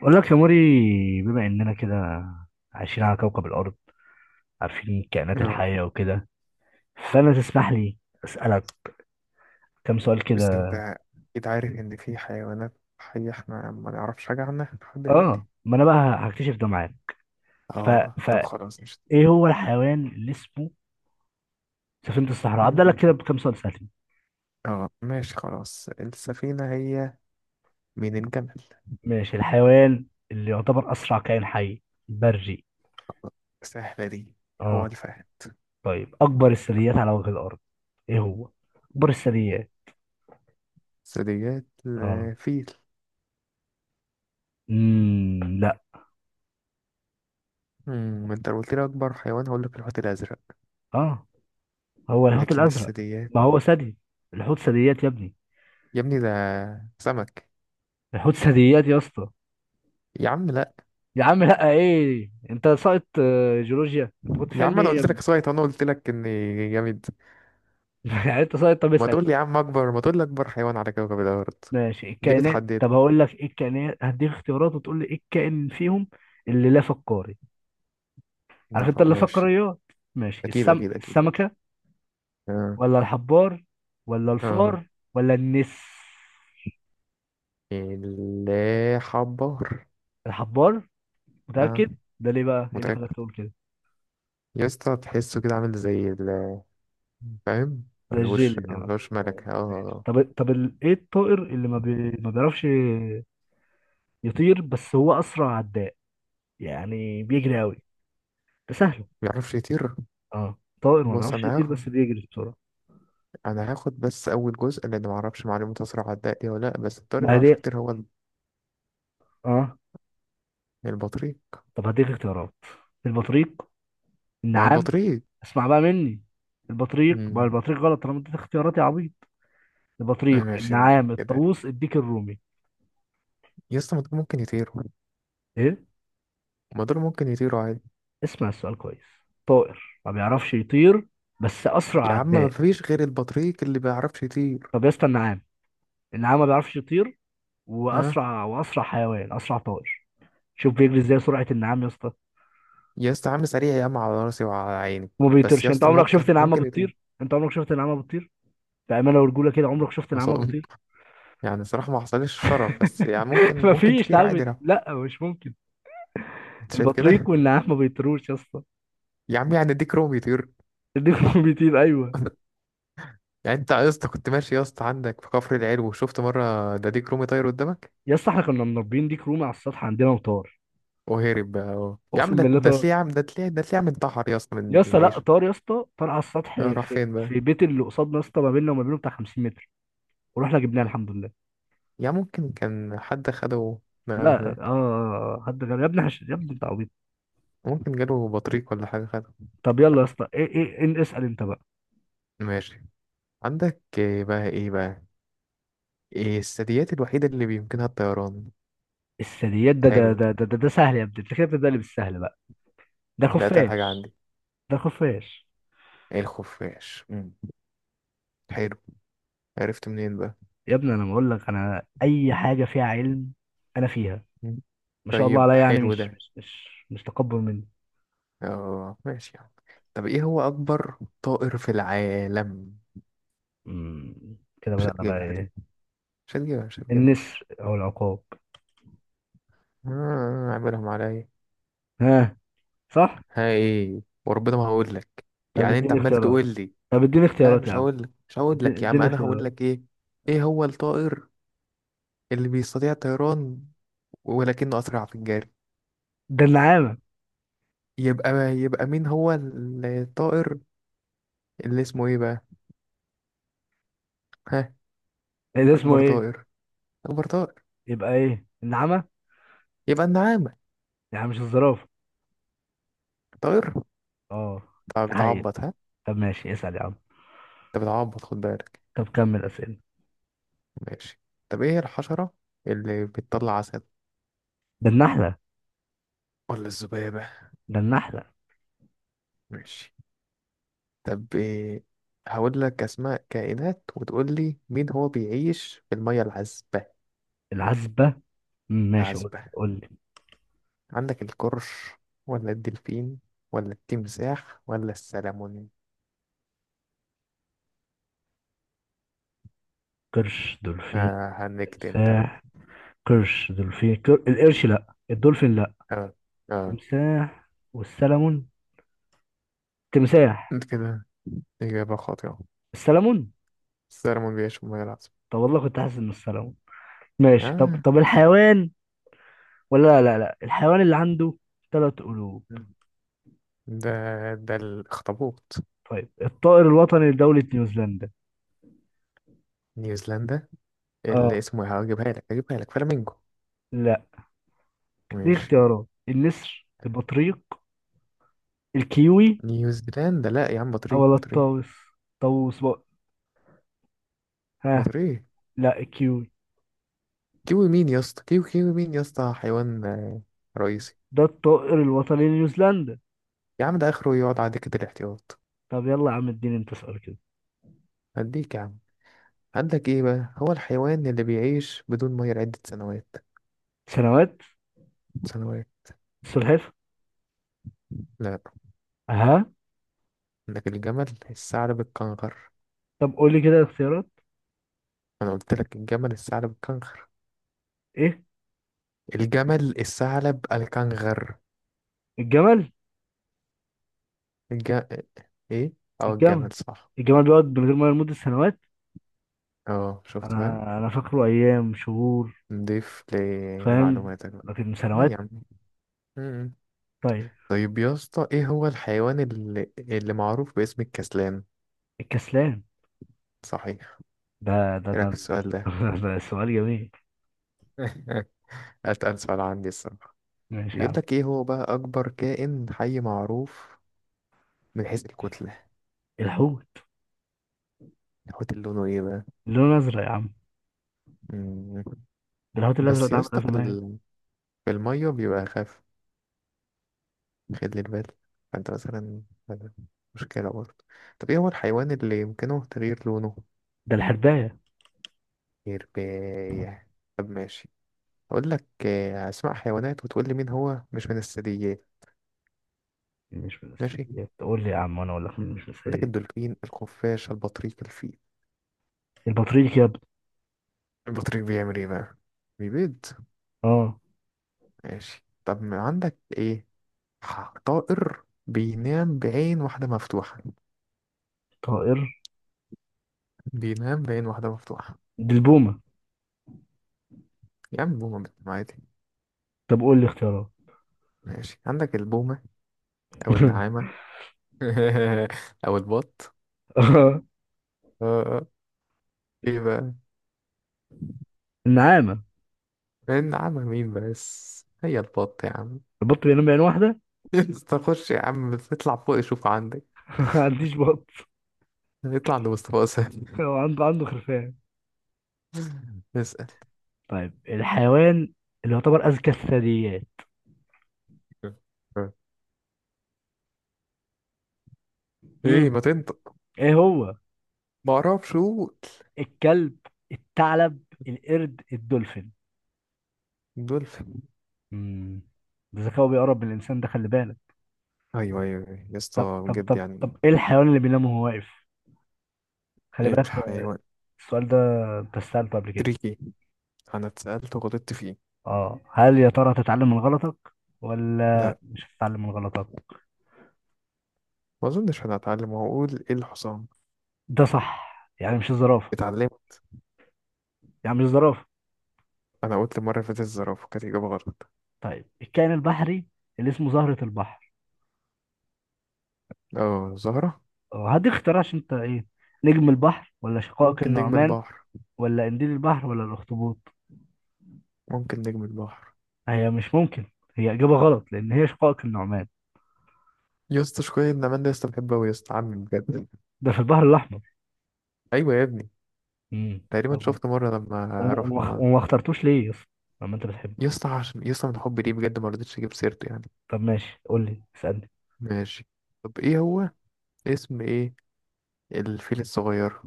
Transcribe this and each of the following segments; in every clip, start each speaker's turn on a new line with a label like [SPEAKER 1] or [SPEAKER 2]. [SPEAKER 1] بقول لك يا موري، بما اننا كده عايشين على كوكب الارض، عارفين الكائنات
[SPEAKER 2] آه،
[SPEAKER 1] الحيه وكده، فانا تسمح لي اسالك كم سؤال
[SPEAKER 2] بس انت
[SPEAKER 1] كده.
[SPEAKER 2] اكيد عارف ان في حيوانات حية احنا ما نعرفش حاجة عنها لحد دلوقتي.
[SPEAKER 1] اه، ما انا بقى هكتشف ده معاك. ف
[SPEAKER 2] اه
[SPEAKER 1] ف
[SPEAKER 2] طب خلاص مش.
[SPEAKER 1] ايه هو الحيوان اللي اسمه سفينه الصحراء؟ هبدا لك
[SPEAKER 2] مم.
[SPEAKER 1] كده بكم سؤال سهل.
[SPEAKER 2] اه ماشي خلاص، السفينة هي من الجمل.
[SPEAKER 1] ماشي، الحيوان اللي يعتبر اسرع كائن حي بري؟
[SPEAKER 2] سهلة دي، هو
[SPEAKER 1] اه،
[SPEAKER 2] الفهد.
[SPEAKER 1] طيب اكبر الثدييات على وجه الارض، ايه هو اكبر الثدييات؟
[SPEAKER 2] ثدييات،
[SPEAKER 1] اه،
[SPEAKER 2] فيل.
[SPEAKER 1] لا.
[SPEAKER 2] ما انت لو قلت لي اكبر حيوان هقول لك الحوت الازرق.
[SPEAKER 1] اه، هو الحوت
[SPEAKER 2] لكن
[SPEAKER 1] الازرق.
[SPEAKER 2] الثدييات،
[SPEAKER 1] ما هو ثدي، الحوت ثدييات يا ابني.
[SPEAKER 2] يا ابني ده سمك.
[SPEAKER 1] بيحط ثدييات يا اسطى.
[SPEAKER 2] يا عم لا.
[SPEAKER 1] يا عم لا، ايه انت ساقط؟ جيولوجيا، انت كنت في
[SPEAKER 2] يا
[SPEAKER 1] علم
[SPEAKER 2] عم انا
[SPEAKER 1] ايه يا
[SPEAKER 2] قلت
[SPEAKER 1] ابني؟
[SPEAKER 2] لك سويت، انا قلت لك اني جامد.
[SPEAKER 1] يعني انت ساقط، طب
[SPEAKER 2] ما
[SPEAKER 1] اسال.
[SPEAKER 2] تقول لي يا عم اكبر، ما تقول لي اكبر حيوان على كوكب الارض.
[SPEAKER 1] ماشي،
[SPEAKER 2] ليه
[SPEAKER 1] الكائنات.
[SPEAKER 2] بتحدد؟
[SPEAKER 1] طب هقول لك ايه الكائنات، هديك اختيارات وتقول لي ايه الكائن فيهم اللي لا فقاري. عارف انت
[SPEAKER 2] نفهم،
[SPEAKER 1] اللا
[SPEAKER 2] ماشي.
[SPEAKER 1] فقاريات؟ ماشي،
[SPEAKER 2] اكيد اكيد اكيد يعني،
[SPEAKER 1] السمكه،
[SPEAKER 2] اه.
[SPEAKER 1] ولا الحبار، ولا
[SPEAKER 2] اه،
[SPEAKER 1] الفار، ولا النس.
[SPEAKER 2] اللي حبار.
[SPEAKER 1] الحبار؟
[SPEAKER 2] اه.
[SPEAKER 1] متاكد؟ ده ليه بقى، ايه اللي خلاك
[SPEAKER 2] متأكد.
[SPEAKER 1] تقول كده؟
[SPEAKER 2] يا اسطى تحسه كده عامل زي ال-، فاهم.
[SPEAKER 1] ده
[SPEAKER 2] ملهوش
[SPEAKER 1] الجيلي، اه.
[SPEAKER 2] ملهوش ملكة،
[SPEAKER 1] ماشي.
[SPEAKER 2] اه.
[SPEAKER 1] طب ايه الطائر اللي ما بيعرفش يطير، بس هو اسرع عداء، يعني بيجري قوي، ده سهل.
[SPEAKER 2] بيعرفش يطير؟
[SPEAKER 1] اه، طائر ما
[SPEAKER 2] بص،
[SPEAKER 1] بيعرفش
[SPEAKER 2] انا
[SPEAKER 1] يطير
[SPEAKER 2] هاخد،
[SPEAKER 1] بس بيجري بسرعه.
[SPEAKER 2] انا هاخد بس اول جزء لان ما اعرفش معلومة اسرع عداء دي ولا لا، بس الطير ما
[SPEAKER 1] ما
[SPEAKER 2] يعرفش
[SPEAKER 1] هديك،
[SPEAKER 2] يطير هو ال-.
[SPEAKER 1] اه.
[SPEAKER 2] البطريق.
[SPEAKER 1] طب هديك اختيارات: البطريق،
[SPEAKER 2] ما هو
[SPEAKER 1] النعام.
[SPEAKER 2] البطريق.
[SPEAKER 1] اسمع بقى مني، البطريق، ما
[SPEAKER 2] امم.
[SPEAKER 1] البطريق غلط، انا مديت اختيارات يا عبيط. البطريق،
[SPEAKER 2] ماشي
[SPEAKER 1] النعام،
[SPEAKER 2] كده.
[SPEAKER 1] الطاووس، الديك الرومي.
[SPEAKER 2] يا اسطى ما دول ممكن يطيروا،
[SPEAKER 1] ايه؟
[SPEAKER 2] ما دول ممكن يطيروا عادي.
[SPEAKER 1] اسمع السؤال كويس، طائر ما بيعرفش يطير بس اسرع
[SPEAKER 2] يا عم ما
[SPEAKER 1] عداء.
[SPEAKER 2] فيش غير البطريق اللي بيعرفش يطير.
[SPEAKER 1] طب يا اسطى النعام، النعام ما بيعرفش يطير،
[SPEAKER 2] ها.
[SPEAKER 1] واسرع حيوان، اسرع طائر. شوف بيجري ازاي، سرعه النعام يا اسطى.
[SPEAKER 2] يا اسطى عامل سريع يا عم، على راسي وعلى عيني.
[SPEAKER 1] وما
[SPEAKER 2] بس
[SPEAKER 1] بيطيرش،
[SPEAKER 2] يا
[SPEAKER 1] انت
[SPEAKER 2] اسطى
[SPEAKER 1] عمرك شفت
[SPEAKER 2] ممكن
[SPEAKER 1] نعامه
[SPEAKER 2] ممكن يتم
[SPEAKER 1] بتطير؟ انت عمرك شفت نعامه بتطير؟ بامانه ورجوله كده، عمرك شفت نعامه
[SPEAKER 2] مصاب.
[SPEAKER 1] بتطير؟
[SPEAKER 2] يعني صراحة ما حصلش شرف، بس يعني ممكن
[SPEAKER 1] مفيش
[SPEAKER 2] تطير
[SPEAKER 1] نعامه
[SPEAKER 2] عادي لو.
[SPEAKER 1] لا مش ممكن.
[SPEAKER 2] انت شايف
[SPEAKER 1] البطريق
[SPEAKER 2] كده.
[SPEAKER 1] والنعام ما بيطيروش يا اسطى.
[SPEAKER 2] يا عم يعني ديك رومي يطير؟
[SPEAKER 1] الديك بيطير، ايوه.
[SPEAKER 2] يعني انت يا اسطى كنت ماشي يا اسطى عندك في كفر العلو وشفت مرة ده ديك رومي طاير قدامك؟
[SPEAKER 1] يا اسطى، احنا كنا مربيين ديك رومي على السطح عندنا وطار.
[SPEAKER 2] وهرب بقى اهو. يا عم
[SPEAKER 1] اقسم
[SPEAKER 2] ده
[SPEAKER 1] بالله
[SPEAKER 2] ده
[SPEAKER 1] طار.
[SPEAKER 2] تلاقيه، يا عم ده تلاقيه، ده تلاقيه عم انتحر يا اسطى
[SPEAKER 1] يا
[SPEAKER 2] من
[SPEAKER 1] اسطى لا،
[SPEAKER 2] العيشة.
[SPEAKER 1] طار يا اسطى، طار على السطح
[SPEAKER 2] اه، راح
[SPEAKER 1] في
[SPEAKER 2] فين بقى؟
[SPEAKER 1] في بيت اللي قصادنا، يا اسطى ما بيننا وما بينه بتاع 50 متر، ورحنا جبناه الحمد لله.
[SPEAKER 2] يا ممكن كان حد خده نقله
[SPEAKER 1] لا، اه.
[SPEAKER 2] هناك.
[SPEAKER 1] حد غير يا ابني، يا ابني انت عبيط.
[SPEAKER 2] ممكن جاله بطريق ولا حاجة خده.
[SPEAKER 1] طب يلا يا اسطى، ايه؟ اسال انت بقى.
[SPEAKER 2] ماشي، عندك ايه بقى؟ ايه بقى؟ إيه الثدييات الوحيدة اللي بيمكنها الطيران؟
[SPEAKER 1] الثدييات، ده
[SPEAKER 2] حلو
[SPEAKER 1] ده
[SPEAKER 2] دي.
[SPEAKER 1] ده ده ده, ده سهل يا ابني، انت كده بتبدأ لي بالسهل بقى. ده
[SPEAKER 2] ده أتقل حاجة
[SPEAKER 1] خفاش،
[SPEAKER 2] عندي.
[SPEAKER 1] ده خفاش.
[SPEAKER 2] الخفاش. مم. حلو، عرفت منين بقى؟
[SPEAKER 1] يا ابني، انا بقول لك انا اي حاجه فيها علم، انا فيها.
[SPEAKER 2] مم.
[SPEAKER 1] ما شاء الله عليا،
[SPEAKER 2] طيب
[SPEAKER 1] يعني
[SPEAKER 2] حلو
[SPEAKER 1] مش
[SPEAKER 2] ده،
[SPEAKER 1] مش مش مش تكبر مني.
[SPEAKER 2] اه ماشي يعني. طب ايه هو أكبر طائر في العالم؟
[SPEAKER 1] كده
[SPEAKER 2] مش
[SPEAKER 1] بدأنا بقى
[SPEAKER 2] هتجيبها دي
[SPEAKER 1] ايه؟
[SPEAKER 2] مش هتجيبها مش هتجيبها
[SPEAKER 1] النسر او العقاب.
[SPEAKER 2] آه عاملهم عليا.
[SPEAKER 1] ها؟ صح.
[SPEAKER 2] هاي وربنا ما هقول لك.
[SPEAKER 1] طب
[SPEAKER 2] يعني انت
[SPEAKER 1] اديني
[SPEAKER 2] عمال
[SPEAKER 1] اختيارات.
[SPEAKER 2] تقول لي،
[SPEAKER 1] طب اديني
[SPEAKER 2] لا
[SPEAKER 1] اختيارات يا
[SPEAKER 2] مش
[SPEAKER 1] عم.
[SPEAKER 2] هقول لك، مش هقول لك يا عم،
[SPEAKER 1] اديني
[SPEAKER 2] انا هقول
[SPEAKER 1] اختيارات.
[SPEAKER 2] لك ايه. ايه هو الطائر اللي بيستطيع الطيران ولكنه أسرع في الجري؟
[SPEAKER 1] ده النعامه.
[SPEAKER 2] يبقى، يبقى مين هو الطائر اللي اسمه ايه بقى؟ ها؟
[SPEAKER 1] إيه ده اسمه
[SPEAKER 2] اكبر
[SPEAKER 1] ايه؟
[SPEAKER 2] طائر اكبر طائر.
[SPEAKER 1] يبقى ايه، النعامه؟
[SPEAKER 2] يبقى النعامة.
[SPEAKER 1] يعني مش الزرافه؟
[SPEAKER 2] طائر.
[SPEAKER 1] اه،
[SPEAKER 2] طب
[SPEAKER 1] حقيقي.
[SPEAKER 2] بتعبط، ها؟
[SPEAKER 1] طب ماشي، اسأل يا عم.
[SPEAKER 2] انت بتعبط، خد بالك.
[SPEAKER 1] طب كمل اسئله.
[SPEAKER 2] ماشي، طب ايه الحشرة اللي بتطلع عسل
[SPEAKER 1] ده النحله،
[SPEAKER 2] ولا الذبابة؟
[SPEAKER 1] ده النحلة.
[SPEAKER 2] ماشي، طب إيه، هقول لك اسماء كائنات وتقول لي مين هو بيعيش في المية العذبة.
[SPEAKER 1] العزبة. ماشي، قول
[SPEAKER 2] العذبة.
[SPEAKER 1] قول لي.
[SPEAKER 2] عندك القرش ولا الدلفين ولا التمساح ولا السلمون؟
[SPEAKER 1] قرش، دولفين،
[SPEAKER 2] آه هنكت انت بقى.
[SPEAKER 1] تمساح. قرش، دولفين، القرش لا، الدولفين لا،
[SPEAKER 2] آه. آه.
[SPEAKER 1] تمساح والسلمون. تمساح،
[SPEAKER 2] انت كده إجابة خاطئة.
[SPEAKER 1] السلمون.
[SPEAKER 2] السلمون بيعيش في المياه العذبة.
[SPEAKER 1] طب والله كنت حاسس انه السلمون. ماشي. طب
[SPEAKER 2] آه.
[SPEAKER 1] طب الحيوان، ولا لا لا لا الحيوان اللي عنده ثلاث قلوب.
[SPEAKER 2] ده ده الأخطبوط.
[SPEAKER 1] طيب، الطائر الوطني لدولة نيوزيلندا.
[SPEAKER 2] نيوزيلندا اللي
[SPEAKER 1] اه
[SPEAKER 2] اسمه إيه؟ هجيبها لك فلامينجو.
[SPEAKER 1] لا، دي
[SPEAKER 2] ماشي.
[SPEAKER 1] اختيارات: النسر، البطريق، الكيوي،
[SPEAKER 2] نيوزيلندا لا يا عم،
[SPEAKER 1] او
[SPEAKER 2] بطريق
[SPEAKER 1] ولا
[SPEAKER 2] بطريق
[SPEAKER 1] الطاووس. طاووس بقى؟ ها؟
[SPEAKER 2] بطريق.
[SPEAKER 1] لا، الكيوي.
[SPEAKER 2] كيوي مين يا اسطى كيوي كيوي مين يا اسطى حيوان، رئيسي.
[SPEAKER 1] ده الطائر الوطني لنيوزيلندا.
[SPEAKER 2] يا عم ده آخره يقعد على دكة الاحتياط.
[SPEAKER 1] طب يلا يا عم، اديني انت سؤال كده.
[SPEAKER 2] هديك يا عم. عندك ايه بقى؟ هو الحيوان اللي بيعيش بدون ميه لعدة سنوات.
[SPEAKER 1] سنوات.
[SPEAKER 2] سنوات.
[SPEAKER 1] السلحفة.
[SPEAKER 2] لا،
[SPEAKER 1] اها.
[SPEAKER 2] عندك الجمل الثعلب الكنغر.
[SPEAKER 1] طب قول لي كده الاختيارات،
[SPEAKER 2] انا قلت لك الجمل الثعلب الكنغر.
[SPEAKER 1] ايه؟
[SPEAKER 2] الجمل الثعلب الكنغر.
[SPEAKER 1] الجمل.
[SPEAKER 2] الج-، ايه. او
[SPEAKER 1] الجمل.
[SPEAKER 2] الجمل صح.
[SPEAKER 1] الجمل بيقعد من غير ميه لمدة سنوات.
[SPEAKER 2] اه شفت بقى،
[SPEAKER 1] انا فاكره ايام شهور،
[SPEAKER 2] نضيف
[SPEAKER 1] فاهم،
[SPEAKER 2] لمعلوماتك بقى.
[SPEAKER 1] لكن
[SPEAKER 2] لا
[SPEAKER 1] سنوات.
[SPEAKER 2] يا عم. مم.
[SPEAKER 1] طيب،
[SPEAKER 2] طيب يا اسطى، ايه هو الحيوان اللي معروف باسم الكسلان؟
[SPEAKER 1] الكسلان.
[SPEAKER 2] صحيح.
[SPEAKER 1] ده ده
[SPEAKER 2] ايه
[SPEAKER 1] ده,
[SPEAKER 2] رايك في
[SPEAKER 1] ده,
[SPEAKER 2] السؤال ده؟
[SPEAKER 1] ده سؤال جميل.
[SPEAKER 2] اتقل سؤال عندي الصراحه.
[SPEAKER 1] ماشي يا
[SPEAKER 2] بيقول
[SPEAKER 1] عم.
[SPEAKER 2] لك ايه هو بقى اكبر كائن حي معروف من حيث الكتله؟
[SPEAKER 1] الحوت.
[SPEAKER 2] الحوت اللي لونه ايه بقى؟
[SPEAKER 1] لونه ازرق يا عم،
[SPEAKER 2] مم.
[SPEAKER 1] ده الحوت الازرق،
[SPEAKER 2] بس
[SPEAKER 1] ده
[SPEAKER 2] يا
[SPEAKER 1] عامل
[SPEAKER 2] اسطى في
[SPEAKER 1] ازمه.
[SPEAKER 2] في الميه بيبقى اخف، خد لي البال، فانت مثلا، هذا مشكلة برضه. طب ايه هو الحيوان اللي يمكنه تغيير لونه؟
[SPEAKER 1] ده الحرباية.
[SPEAKER 2] يرباية. طب ماشي، اقول لك اسماء حيوانات وتقول لي مين هو مش من الثدييات.
[SPEAKER 1] مش من
[SPEAKER 2] ماشي،
[SPEAKER 1] الثدييات؟ قول لي يا عم وانا اقول لك مين مش من
[SPEAKER 2] عندك
[SPEAKER 1] الثدييات.
[SPEAKER 2] الدولفين الخفاش البطريق الفيل.
[SPEAKER 1] البطريق يا ابني.
[SPEAKER 2] البطريق بيعمل ايه بقى؟ بيبيض.
[SPEAKER 1] اه،
[SPEAKER 2] ماشي، طب ما عندك ايه؟ طائر بينام بعين واحدة مفتوحة.
[SPEAKER 1] طائر.
[SPEAKER 2] بينام بعين واحدة مفتوحة.
[SPEAKER 1] دي البومة.
[SPEAKER 2] يا عم بومة بتنام عادي.
[SPEAKER 1] طب قول لي اختيارات.
[SPEAKER 2] ماشي، عندك البومة أو النعامة، او البط.
[SPEAKER 1] آه،
[SPEAKER 2] آه. آه. ايه بقى؟
[SPEAKER 1] النعامة.
[SPEAKER 2] النعمة مين، بس هي البط يا عم.
[SPEAKER 1] البط بينام بعين واحدة.
[SPEAKER 2] تخش يا عم اطلع فوق شوف عندك،
[SPEAKER 1] ما عنديش بط.
[SPEAKER 2] اطلع عند مصطفى سهل.
[SPEAKER 1] هو عنده خرفان.
[SPEAKER 2] اسأل.
[SPEAKER 1] طيب، الحيوان اللي يعتبر أذكى الثدييات. مم.
[SPEAKER 2] ايه؟ ما تنطق.
[SPEAKER 1] ايه هو؟
[SPEAKER 2] ما اعرفش، قول.
[SPEAKER 1] الكلب، الثعلب، القرد، الدولفين.
[SPEAKER 2] دولفين.
[SPEAKER 1] امم ذكاؤه بيقرب من الإنسان، ده خلي بالك.
[SPEAKER 2] ايوه ايوه أيوة. يا
[SPEAKER 1] طب
[SPEAKER 2] اسطى
[SPEAKER 1] طب
[SPEAKER 2] بجد
[SPEAKER 1] طب طب
[SPEAKER 2] يعني.
[SPEAKER 1] ايه الحيوان اللي بينام وهو واقف؟ خلي بالك.
[SPEAKER 2] الحيوان.
[SPEAKER 1] السؤال ده انت سألته قبل كده.
[SPEAKER 2] تريكي. انا اتسألت وغلطت فيه.
[SPEAKER 1] اه، هل يا ترى هتتعلم من غلطك ولا
[SPEAKER 2] لا،
[SPEAKER 1] مش هتتعلم من غلطك؟
[SPEAKER 2] ما اظنش، انا اتعلم واقول ايه، الحصان.
[SPEAKER 1] ده صح، يعني مش الزرافة،
[SPEAKER 2] اتعلمت.
[SPEAKER 1] يعني مش الزرافة.
[SPEAKER 2] انا قلت المره اللي فاتت الزرافه كانت اجابه غلط.
[SPEAKER 1] طيب، الكائن البحري اللي اسمه زهرة البحر.
[SPEAKER 2] اه زهره.
[SPEAKER 1] هديك اختيار عشان انت ايه. نجم البحر، ولا شقائق
[SPEAKER 2] ممكن نجم
[SPEAKER 1] النعمان،
[SPEAKER 2] البحر.
[SPEAKER 1] ولا قنديل البحر، ولا الأخطبوط؟
[SPEAKER 2] ممكن نجم البحر.
[SPEAKER 1] هي مش ممكن، هي إجابة غلط لأن هي شقائق النعمان.
[SPEAKER 2] يا اسطى شوية نعمان ده، يا اسطى بحبه أوي يا اسطى عمي بجد.
[SPEAKER 1] ده في البحر الأحمر.
[SPEAKER 2] أيوة يا ابني. تقريبا
[SPEAKER 1] طب
[SPEAKER 2] شفت مرة لما رحنا.
[SPEAKER 1] وما اخترتوش ليه يا اسطى، لما انت بتحبه؟
[SPEAKER 2] يا اسطى عشان يا اسطى من حبي ليه بجد ما رضيتش أجيب سيرته يعني.
[SPEAKER 1] طب ماشي، قول لي اسألني.
[SPEAKER 2] ماشي، طب إيه هو، اسم إيه الفيل الصغير؟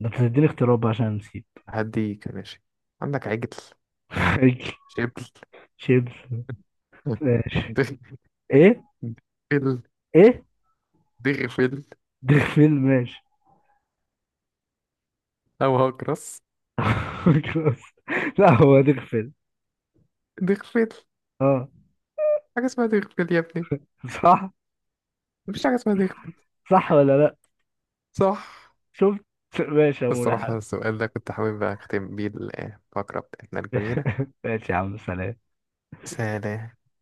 [SPEAKER 1] ده انت تديني اختيارات بقى عشان نسيت.
[SPEAKER 2] هديك، ماشي. عندك عجل، شبل،
[SPEAKER 1] شيبس. ماشي.
[SPEAKER 2] دغ-
[SPEAKER 1] ايه؟
[SPEAKER 2] دغفل.
[SPEAKER 1] ايه؟
[SPEAKER 2] دغفل.
[SPEAKER 1] دغفل. ماشي.
[SPEAKER 2] أو هكرس.
[SPEAKER 1] خلاص. لا، هو دغفل.
[SPEAKER 2] دغفل.
[SPEAKER 1] اه.
[SPEAKER 2] حاجة اسمها دغفل يا ابني،
[SPEAKER 1] صح.
[SPEAKER 2] مفيش حاجة اسمها دغفل.
[SPEAKER 1] صح ولا لا؟
[SPEAKER 2] صح.
[SPEAKER 1] شفت؟ ماشي يا مولى
[SPEAKER 2] الصراحة
[SPEAKER 1] حبيبي.
[SPEAKER 2] السؤال ده كنت حابب أختم بيه الفقرة بتاعتنا الجميلة.
[SPEAKER 1] ماشي يا عم، سلام.
[SPEAKER 2] سلام.